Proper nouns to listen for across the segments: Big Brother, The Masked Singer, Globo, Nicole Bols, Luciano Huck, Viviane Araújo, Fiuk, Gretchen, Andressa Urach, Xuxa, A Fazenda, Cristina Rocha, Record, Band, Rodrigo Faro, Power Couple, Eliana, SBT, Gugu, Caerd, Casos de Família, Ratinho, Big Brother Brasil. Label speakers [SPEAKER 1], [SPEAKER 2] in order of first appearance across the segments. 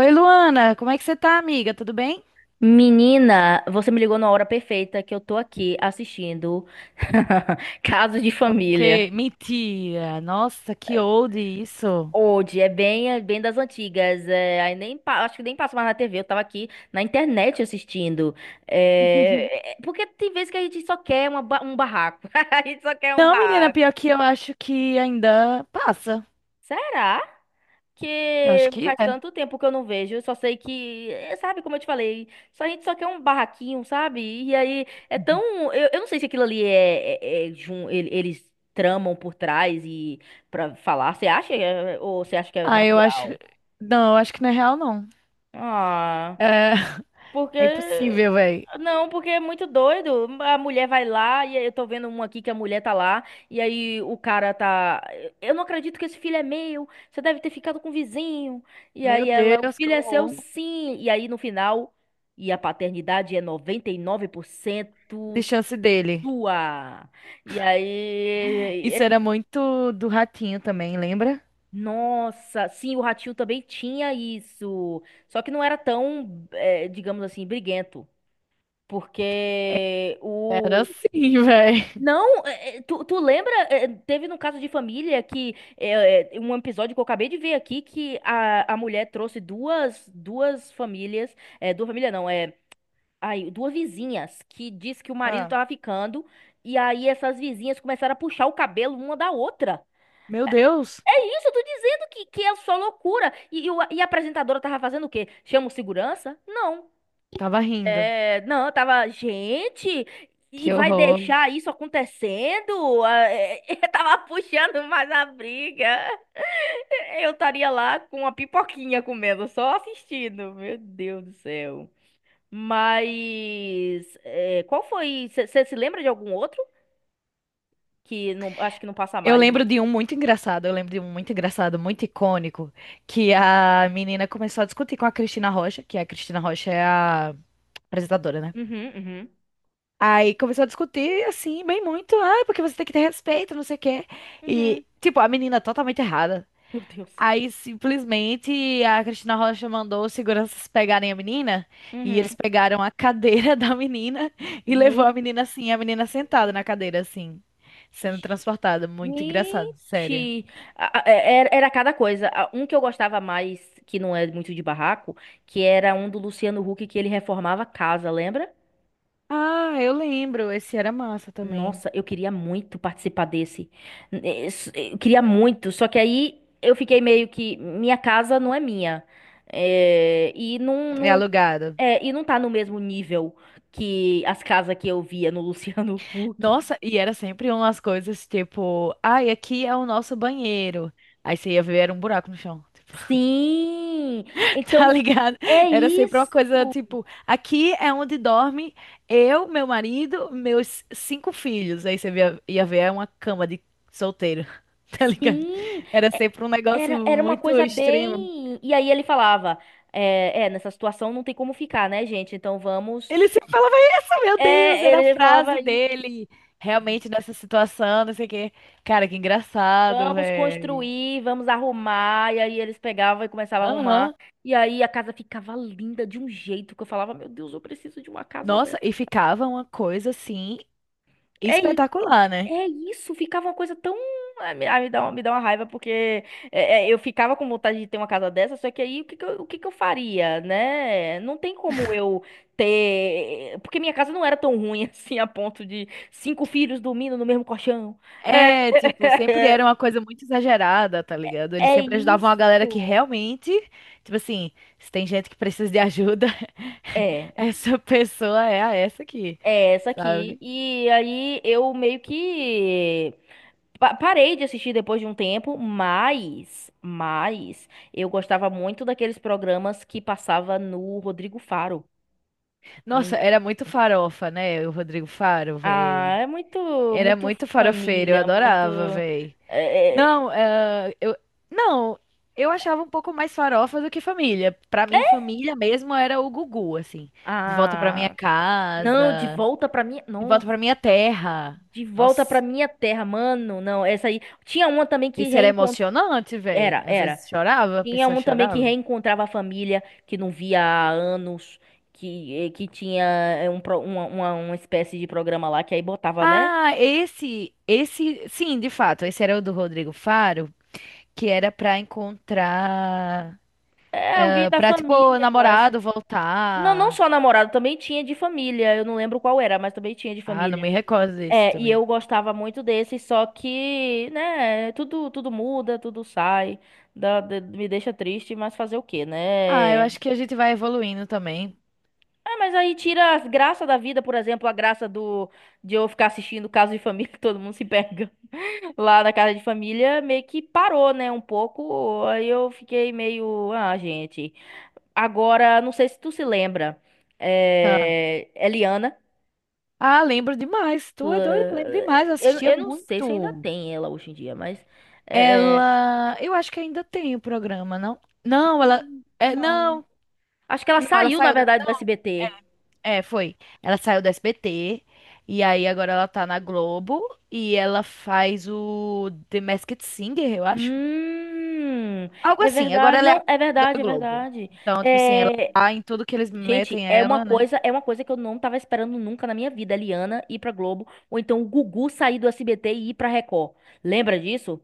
[SPEAKER 1] Oi, Luana, como é que você tá, amiga? Tudo bem?
[SPEAKER 2] Menina, você me ligou na hora perfeita que eu tô aqui assistindo Casos de Família.
[SPEAKER 1] Que mentira! Nossa, que old isso.
[SPEAKER 2] Hoje é bem das antigas. É, aí nem, pa- Acho que nem passo mais na TV. Eu tava aqui na internet assistindo. Porque tem vezes que a gente só quer um barraco. A gente só quer um
[SPEAKER 1] Não, menina,
[SPEAKER 2] barraco.
[SPEAKER 1] pior que eu acho que ainda passa.
[SPEAKER 2] Será?
[SPEAKER 1] Eu acho
[SPEAKER 2] Que
[SPEAKER 1] que
[SPEAKER 2] faz
[SPEAKER 1] é.
[SPEAKER 2] tanto tempo que eu não vejo. Eu só sei que, sabe, como eu te falei, só a gente só quer um barraquinho, sabe? E aí é tão. Eu não sei se aquilo ali eles tramam por trás e pra falar. Você acha? Ou você acha que é
[SPEAKER 1] Ah, eu acho.
[SPEAKER 2] natural?
[SPEAKER 1] Não, eu acho que não é real, não.
[SPEAKER 2] Ah.
[SPEAKER 1] É, é
[SPEAKER 2] Porque.
[SPEAKER 1] impossível, velho.
[SPEAKER 2] Não, porque é muito doido. A mulher vai lá, e aí eu tô vendo um aqui que a mulher tá lá, e aí o cara tá. Eu não acredito que esse filho é meu. Você deve ter ficado com o vizinho. E
[SPEAKER 1] Meu
[SPEAKER 2] aí ela, o
[SPEAKER 1] Deus, que
[SPEAKER 2] filho é seu,
[SPEAKER 1] horror
[SPEAKER 2] sim. E aí no final, e a paternidade é 99%
[SPEAKER 1] de chance dele.
[SPEAKER 2] sua. E aí.
[SPEAKER 1] Isso era muito do ratinho também, lembra?
[SPEAKER 2] Nossa, sim, o Ratinho também tinha isso. Só que não era tão, digamos assim, briguento. Porque
[SPEAKER 1] Era
[SPEAKER 2] o.
[SPEAKER 1] assim, velho.
[SPEAKER 2] Não, tu lembra? Teve no Caso de Família que um episódio que eu acabei de ver aqui que a mulher trouxe duas famílias. É, duas famílias não, é. Ai, duas vizinhas que disse que o marido
[SPEAKER 1] Ah,
[SPEAKER 2] tava ficando. E aí essas vizinhas começaram a puxar o cabelo uma da outra.
[SPEAKER 1] meu Deus,
[SPEAKER 2] É isso, eu tô dizendo que é só loucura. E a apresentadora tava fazendo o quê? Chama o segurança? Não.
[SPEAKER 1] tava rindo.
[SPEAKER 2] É, não, eu tava, gente, e
[SPEAKER 1] Que
[SPEAKER 2] vai
[SPEAKER 1] horror.
[SPEAKER 2] deixar isso acontecendo? Ah, é, eu tava puxando mais a briga. É, eu estaria lá com uma pipoquinha comendo, só assistindo. Meu Deus do céu. Mas, é, qual foi? Você se lembra de algum outro que não, acho que não passa
[SPEAKER 1] Eu
[SPEAKER 2] mais,
[SPEAKER 1] lembro
[SPEAKER 2] né?
[SPEAKER 1] de um muito engraçado, eu lembro de um muito engraçado, muito icônico, que a menina começou a discutir com a Cristina Rocha, que a Cristina Rocha é a apresentadora, né?
[SPEAKER 2] Uhum, uhum.
[SPEAKER 1] Aí começou a discutir, assim, bem muito, ah, é porque você tem que ter respeito, não sei o quê.
[SPEAKER 2] Uhum.
[SPEAKER 1] E, tipo, a menina totalmente errada.
[SPEAKER 2] Meu Deus.
[SPEAKER 1] Aí, simplesmente, a Cristina Rocha mandou os seguranças pegarem a menina, e
[SPEAKER 2] Uhum.
[SPEAKER 1] eles pegaram a cadeira da menina e levou
[SPEAKER 2] Meu
[SPEAKER 1] a menina assim, a menina sentada na cadeira, assim, sendo
[SPEAKER 2] Deus.
[SPEAKER 1] transportada. Muito engraçado, sério.
[SPEAKER 2] Gente, era cada coisa. Um que eu gostava mais, que não é muito de barraco, que era um do Luciano Huck que ele reformava a casa, lembra?
[SPEAKER 1] Ah, eu lembro. Esse era massa também.
[SPEAKER 2] Nossa, eu queria muito participar desse. Eu queria muito, só que aí eu fiquei meio que minha casa não é minha.
[SPEAKER 1] É
[SPEAKER 2] Não,
[SPEAKER 1] alugado.
[SPEAKER 2] e não tá no mesmo nível que as casas que eu via no Luciano Huck.
[SPEAKER 1] Nossa, e era sempre umas coisas tipo, ai, aqui é o nosso banheiro. Aí você ia ver, era um buraco no chão.
[SPEAKER 2] Sim!
[SPEAKER 1] Tá
[SPEAKER 2] Então,
[SPEAKER 1] ligado?
[SPEAKER 2] é
[SPEAKER 1] Era sempre uma
[SPEAKER 2] isso.
[SPEAKER 1] coisa tipo, aqui é onde dorme eu, meu marido, meus cinco filhos. Aí você ia ver, é uma cama de solteiro. Tá ligado?
[SPEAKER 2] Sim,
[SPEAKER 1] Era
[SPEAKER 2] é-
[SPEAKER 1] sempre um negócio
[SPEAKER 2] era, era uma
[SPEAKER 1] muito.
[SPEAKER 2] coisa bem. E aí ele falava: nessa situação não tem como ficar, né, gente? Então vamos.
[SPEAKER 1] Ele sempre falava isso, meu Deus,
[SPEAKER 2] É,
[SPEAKER 1] era a
[SPEAKER 2] ele falava
[SPEAKER 1] frase
[SPEAKER 2] isso:
[SPEAKER 1] dele. Realmente nessa situação, não sei o quê. Cara, que engraçado,
[SPEAKER 2] vamos
[SPEAKER 1] velho.
[SPEAKER 2] construir, vamos arrumar. E aí eles pegavam e começavam a arrumar.
[SPEAKER 1] Aham.
[SPEAKER 2] E aí a casa ficava linda de um jeito que eu falava: meu Deus, eu preciso de uma casa
[SPEAKER 1] Nossa,
[SPEAKER 2] dessa.
[SPEAKER 1] e ficava uma coisa assim
[SPEAKER 2] É.
[SPEAKER 1] espetacular, né?
[SPEAKER 2] É isso, ficava uma coisa tão. Ah, me dá me dá uma raiva, porque eu ficava com vontade de ter uma casa dessa, só que aí o que que eu faria, né? Não tem como eu ter. Porque minha casa não era tão ruim assim, a ponto de cinco filhos dormindo no mesmo colchão. É.
[SPEAKER 1] É, tipo, sempre era uma coisa muito exagerada, tá ligado? Eles
[SPEAKER 2] É
[SPEAKER 1] sempre ajudavam
[SPEAKER 2] isso.
[SPEAKER 1] a galera que realmente, tipo assim, se tem gente que precisa de ajuda,
[SPEAKER 2] É,
[SPEAKER 1] essa pessoa é a essa aqui,
[SPEAKER 2] é essa aqui.
[SPEAKER 1] sabe?
[SPEAKER 2] E aí eu meio que parei de assistir depois de um tempo, mas eu gostava muito daqueles programas que passava no Rodrigo Faro.
[SPEAKER 1] Nossa,
[SPEAKER 2] Hum.
[SPEAKER 1] era muito farofa, né? O Rodrigo Faro,
[SPEAKER 2] Ah,
[SPEAKER 1] velho.
[SPEAKER 2] é muito,
[SPEAKER 1] Era
[SPEAKER 2] muito
[SPEAKER 1] muito farofeiro, eu
[SPEAKER 2] família, muito.
[SPEAKER 1] adorava, véi.
[SPEAKER 2] é, é,
[SPEAKER 1] Não, eh, eu não, eu achava um pouco mais farofa do que família. Pra mim, família mesmo era o Gugu, assim, de volta pra minha
[SPEAKER 2] ah, não, de
[SPEAKER 1] casa,
[SPEAKER 2] volta pra minha.
[SPEAKER 1] de volta
[SPEAKER 2] Nossa,
[SPEAKER 1] pra minha terra.
[SPEAKER 2] de volta pra
[SPEAKER 1] Nossa,
[SPEAKER 2] minha terra, mano. Não, essa aí. Tinha uma também que
[SPEAKER 1] esse era
[SPEAKER 2] reencontrou.
[SPEAKER 1] emocionante, véi.
[SPEAKER 2] Era,
[SPEAKER 1] Às
[SPEAKER 2] era.
[SPEAKER 1] vezes chorava, a
[SPEAKER 2] Tinha
[SPEAKER 1] pessoa
[SPEAKER 2] um também que
[SPEAKER 1] chorava.
[SPEAKER 2] reencontrava a família, que não via há anos, que, que tinha uma espécie de programa lá que aí botava, né?
[SPEAKER 1] Ah, esse, sim, de fato, esse era o do Rodrigo Faro, que era pra encontrar,
[SPEAKER 2] É alguém da
[SPEAKER 1] pra tipo
[SPEAKER 2] família, eu acho.
[SPEAKER 1] namorado
[SPEAKER 2] Não, não
[SPEAKER 1] voltar.
[SPEAKER 2] só namorado, também tinha de família. Eu não lembro qual era, mas também tinha de
[SPEAKER 1] Ah, não
[SPEAKER 2] família.
[SPEAKER 1] me recordo desse
[SPEAKER 2] É, e
[SPEAKER 1] também.
[SPEAKER 2] eu gostava muito desse, só que, né, tudo, tudo muda, tudo sai, me deixa triste, mas fazer o quê,
[SPEAKER 1] Ah, eu
[SPEAKER 2] né?
[SPEAKER 1] acho que a gente vai evoluindo também.
[SPEAKER 2] É, mas aí tira as graças da vida, por exemplo, a graça do de eu ficar assistindo Caso de Família, que todo mundo se pega lá na casa de família, meio que parou, né, um pouco. Aí eu fiquei meio, ah, gente. Agora, não sei se tu se lembra,
[SPEAKER 1] Ah,
[SPEAKER 2] é... Eliana,
[SPEAKER 1] ah, lembro demais.
[SPEAKER 2] tu-
[SPEAKER 1] Tu é doido, lembro demais. Eu assistia
[SPEAKER 2] eu não sei se ainda
[SPEAKER 1] muito.
[SPEAKER 2] tem ela hoje em dia, mas é,
[SPEAKER 1] Ela. Eu acho que ainda tem o programa, não? Não, ela. É,
[SPEAKER 2] não.
[SPEAKER 1] não,
[SPEAKER 2] Acho que ela
[SPEAKER 1] não, ela
[SPEAKER 2] saiu, na
[SPEAKER 1] saiu da.
[SPEAKER 2] verdade, do SBT.
[SPEAKER 1] É, foi. Ela saiu da SBT. E aí agora ela tá na Globo. E ela faz o The Masked Singer, eu acho.
[SPEAKER 2] Hum,
[SPEAKER 1] Algo
[SPEAKER 2] é
[SPEAKER 1] assim. Agora
[SPEAKER 2] verdade,
[SPEAKER 1] ela é a
[SPEAKER 2] não, é
[SPEAKER 1] da
[SPEAKER 2] verdade, é
[SPEAKER 1] Globo.
[SPEAKER 2] verdade.
[SPEAKER 1] Então, tipo assim, ela
[SPEAKER 2] É,
[SPEAKER 1] tá em tudo que eles
[SPEAKER 2] gente,
[SPEAKER 1] metem ela, né?
[SPEAKER 2] é uma coisa que eu não tava esperando nunca na minha vida, a Liana ir pra Globo, ou então o Gugu sair do SBT e ir pra Record. Lembra disso?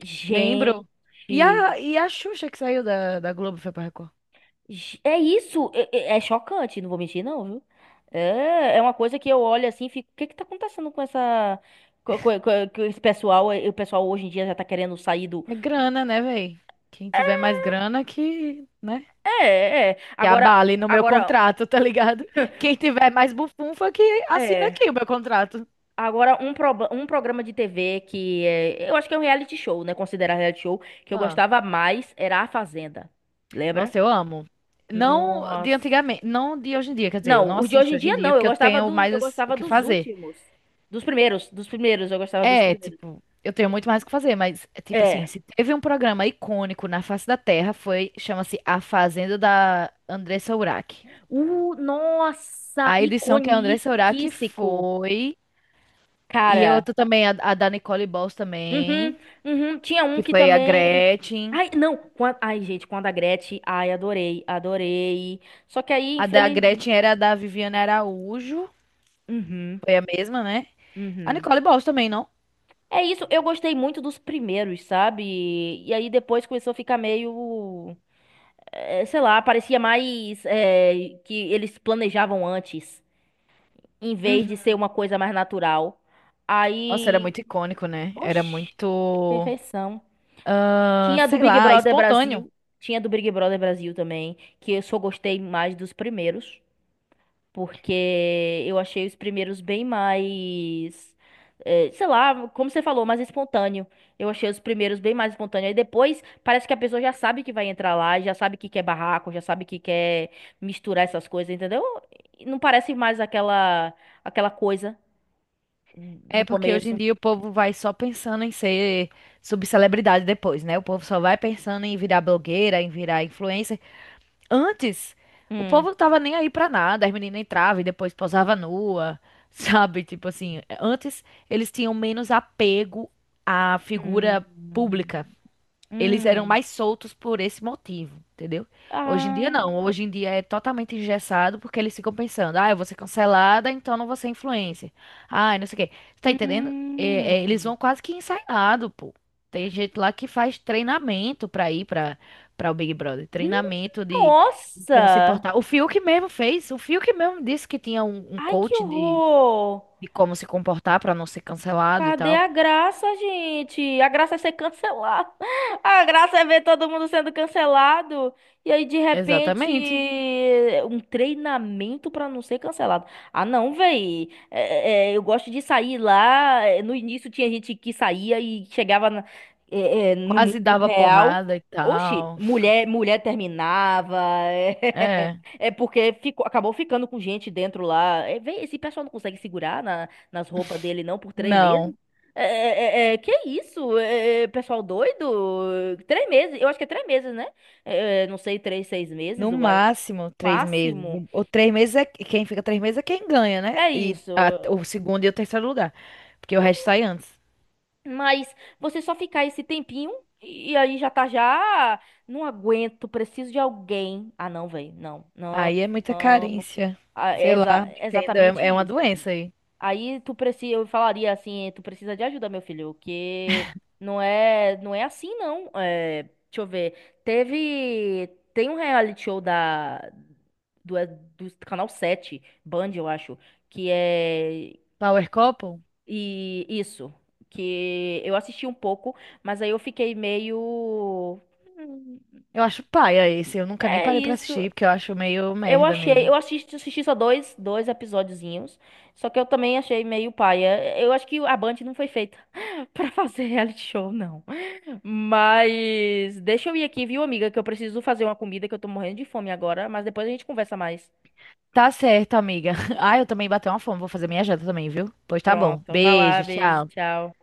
[SPEAKER 2] Gente,
[SPEAKER 1] Lembro. E a Xuxa que saiu da Globo foi pra Record.
[SPEAKER 2] é isso, é chocante, não vou mentir não, viu? É, é uma coisa que eu olho assim, e fico, o que que tá acontecendo com essa com esse pessoal, o pessoal hoje em dia já tá querendo sair do
[SPEAKER 1] É grana, né, véi? Quem tiver mais grana que, né?
[SPEAKER 2] É, é, é,
[SPEAKER 1] Que
[SPEAKER 2] agora
[SPEAKER 1] abale no meu
[SPEAKER 2] agora
[SPEAKER 1] contrato, tá ligado? Quem tiver mais bufunfa que assina
[SPEAKER 2] é.
[SPEAKER 1] aqui o meu contrato.
[SPEAKER 2] Agora, um programa de TV que é, eu acho que é um reality show, né? Considerar reality show, que eu
[SPEAKER 1] Ah,
[SPEAKER 2] gostava mais era A Fazenda. Lembra?
[SPEAKER 1] nossa, eu amo. Não de
[SPEAKER 2] Nossa.
[SPEAKER 1] antigamente, não de hoje em dia, quer dizer, eu não
[SPEAKER 2] Não, os de hoje
[SPEAKER 1] assisto
[SPEAKER 2] em
[SPEAKER 1] hoje em
[SPEAKER 2] dia
[SPEAKER 1] dia
[SPEAKER 2] não.
[SPEAKER 1] porque eu tenho
[SPEAKER 2] Eu
[SPEAKER 1] mais o
[SPEAKER 2] gostava
[SPEAKER 1] que
[SPEAKER 2] dos
[SPEAKER 1] fazer.
[SPEAKER 2] últimos. Eu gostava dos
[SPEAKER 1] É,
[SPEAKER 2] primeiros.
[SPEAKER 1] tipo, eu tenho muito mais o que fazer, mas é tipo assim,
[SPEAKER 2] É.
[SPEAKER 1] se teve um programa icônico na face da Terra, foi, chama-se A Fazenda da Andressa Urach.
[SPEAKER 2] Nossa,
[SPEAKER 1] A edição que a Andressa Urach
[SPEAKER 2] iconiquíssico,
[SPEAKER 1] foi. E eu
[SPEAKER 2] cara.
[SPEAKER 1] tô também, a da Nicole Bols
[SPEAKER 2] Uhum,
[SPEAKER 1] também,
[SPEAKER 2] uhum. Tinha um
[SPEAKER 1] que
[SPEAKER 2] que
[SPEAKER 1] foi a
[SPEAKER 2] também.
[SPEAKER 1] Gretchen.
[SPEAKER 2] Ai, não. Ai, gente, quando a Gretchen. Ai, adorei, adorei. Só que aí,
[SPEAKER 1] A da
[SPEAKER 2] infeliz.
[SPEAKER 1] Gretchen era a da Viviane Araújo.
[SPEAKER 2] Uhum.
[SPEAKER 1] Foi a mesma, né? A
[SPEAKER 2] Uhum.
[SPEAKER 1] Nicole Bols também, não?
[SPEAKER 2] É isso, eu gostei muito dos primeiros, sabe? E aí depois começou a ficar meio, sei lá, parecia mais que eles planejavam antes, em vez
[SPEAKER 1] Uhum.
[SPEAKER 2] de ser uma coisa mais natural.
[SPEAKER 1] Nossa, era
[SPEAKER 2] Aí,
[SPEAKER 1] muito icônico, né? Era
[SPEAKER 2] oxi,
[SPEAKER 1] muito,
[SPEAKER 2] perfeição.
[SPEAKER 1] ah,
[SPEAKER 2] Tinha a do
[SPEAKER 1] sei
[SPEAKER 2] Big
[SPEAKER 1] lá,
[SPEAKER 2] Brother
[SPEAKER 1] espontâneo.
[SPEAKER 2] Brasil, tinha a do Big Brother Brasil também, que eu só gostei mais dos primeiros. Porque eu achei os primeiros bem mais. Sei lá, como você falou, mais espontâneo. Eu achei os primeiros bem mais espontâneo. Aí depois parece que a pessoa já sabe que vai entrar lá, já sabe que quer barraco, já sabe que quer misturar essas coisas, entendeu? E não parece mais aquela coisa
[SPEAKER 1] É
[SPEAKER 2] do
[SPEAKER 1] porque hoje em
[SPEAKER 2] começo.
[SPEAKER 1] dia o povo vai só pensando em ser subcelebridade depois, né? O povo só vai pensando em virar blogueira, em virar influencer. Antes, o
[SPEAKER 2] Hum.
[SPEAKER 1] povo não tava nem aí pra nada, as meninas entravam e depois posava nua, sabe? Tipo assim, antes eles tinham menos apego à figura
[SPEAKER 2] Hum.
[SPEAKER 1] pública. Eles eram
[SPEAKER 2] Hum.
[SPEAKER 1] mais soltos por esse motivo, entendeu? Hoje em dia
[SPEAKER 2] Ah.
[SPEAKER 1] não. Hoje em dia é totalmente engessado porque eles ficam pensando, ah, eu vou ser cancelada, então não vou ser influencer. Ah, não sei o quê. Tá entendendo? É, eles
[SPEAKER 2] Hum.
[SPEAKER 1] vão quase que ensaiado, pô. Tem gente lá que faz treinamento pra ir pra o Big Brother.
[SPEAKER 2] Hum.
[SPEAKER 1] Treinamento de como se
[SPEAKER 2] Nossa!
[SPEAKER 1] portar. O Fiuk mesmo fez. O Fiuk mesmo disse que tinha um
[SPEAKER 2] Ai, que
[SPEAKER 1] coach
[SPEAKER 2] horror!
[SPEAKER 1] de como se comportar pra não ser cancelado e
[SPEAKER 2] Cadê
[SPEAKER 1] tal.
[SPEAKER 2] a graça, gente? A graça é ser cancelado. A graça é ver todo mundo sendo cancelado. E aí, de repente,
[SPEAKER 1] Exatamente.
[SPEAKER 2] um treinamento pra não ser cancelado. Ah, não, véi. Eu gosto de sair lá. É, no início tinha gente que saía e chegava no
[SPEAKER 1] Quase
[SPEAKER 2] mundo
[SPEAKER 1] dava
[SPEAKER 2] real.
[SPEAKER 1] porrada e
[SPEAKER 2] Oxi,
[SPEAKER 1] tal.
[SPEAKER 2] mulher, mulher terminava.
[SPEAKER 1] É.
[SPEAKER 2] É porque ficou, acabou ficando com gente dentro lá. É, vê, esse pessoal não consegue segurar nas roupas dele, não, por 3 meses.
[SPEAKER 1] Não.
[SPEAKER 2] Que isso? É, é, pessoal doido? Três meses, eu acho que é 3 meses, né? Não sei, três, 6 meses,
[SPEAKER 1] No
[SPEAKER 2] o
[SPEAKER 1] máximo três meses.
[SPEAKER 2] máximo.
[SPEAKER 1] O três meses é quem fica três meses é quem ganha, né?
[SPEAKER 2] É
[SPEAKER 1] E
[SPEAKER 2] isso.
[SPEAKER 1] o segundo e o terceiro lugar. Porque o resto sai antes.
[SPEAKER 2] Mas você só ficar esse tempinho e aí já tá já. Não aguento, preciso de alguém. Ah, não, velho. Não, não,
[SPEAKER 1] Aí é muita
[SPEAKER 2] não.
[SPEAKER 1] carência.
[SPEAKER 2] É
[SPEAKER 1] Sei lá, não entendo.
[SPEAKER 2] exatamente
[SPEAKER 1] É uma
[SPEAKER 2] isso.
[SPEAKER 1] doença aí.
[SPEAKER 2] Aí tu precisa, eu falaria assim, tu precisa de ajuda, meu filho, que não é, não é assim não. É, deixa eu ver. Teve, tem um reality show da do, é do canal 7, Band, eu acho, que é
[SPEAKER 1] Power Couple?
[SPEAKER 2] e isso, que eu assisti um pouco, mas aí eu fiquei meio "Hum,
[SPEAKER 1] Eu acho paia esse. Eu nunca nem
[SPEAKER 2] é
[SPEAKER 1] parei pra
[SPEAKER 2] isso,
[SPEAKER 1] assistir, porque eu acho meio
[SPEAKER 2] eu
[SPEAKER 1] merda
[SPEAKER 2] achei, eu
[SPEAKER 1] mesmo.
[SPEAKER 2] assisti, assisti só dois, dois episódiozinhos, só que eu também achei meio paia. Eu acho que a Band não foi feita pra fazer reality show, não. Mas deixa eu ir aqui, viu, amiga, que eu preciso fazer uma comida que eu tô morrendo de fome agora, mas depois a gente conversa mais.
[SPEAKER 1] Tá certo, amiga. Ah, eu também bati uma fome. Vou fazer minha janta também, viu? Pois tá bom.
[SPEAKER 2] Pronto, vai lá,
[SPEAKER 1] Beijo,
[SPEAKER 2] beijo,
[SPEAKER 1] tchau.
[SPEAKER 2] tchau.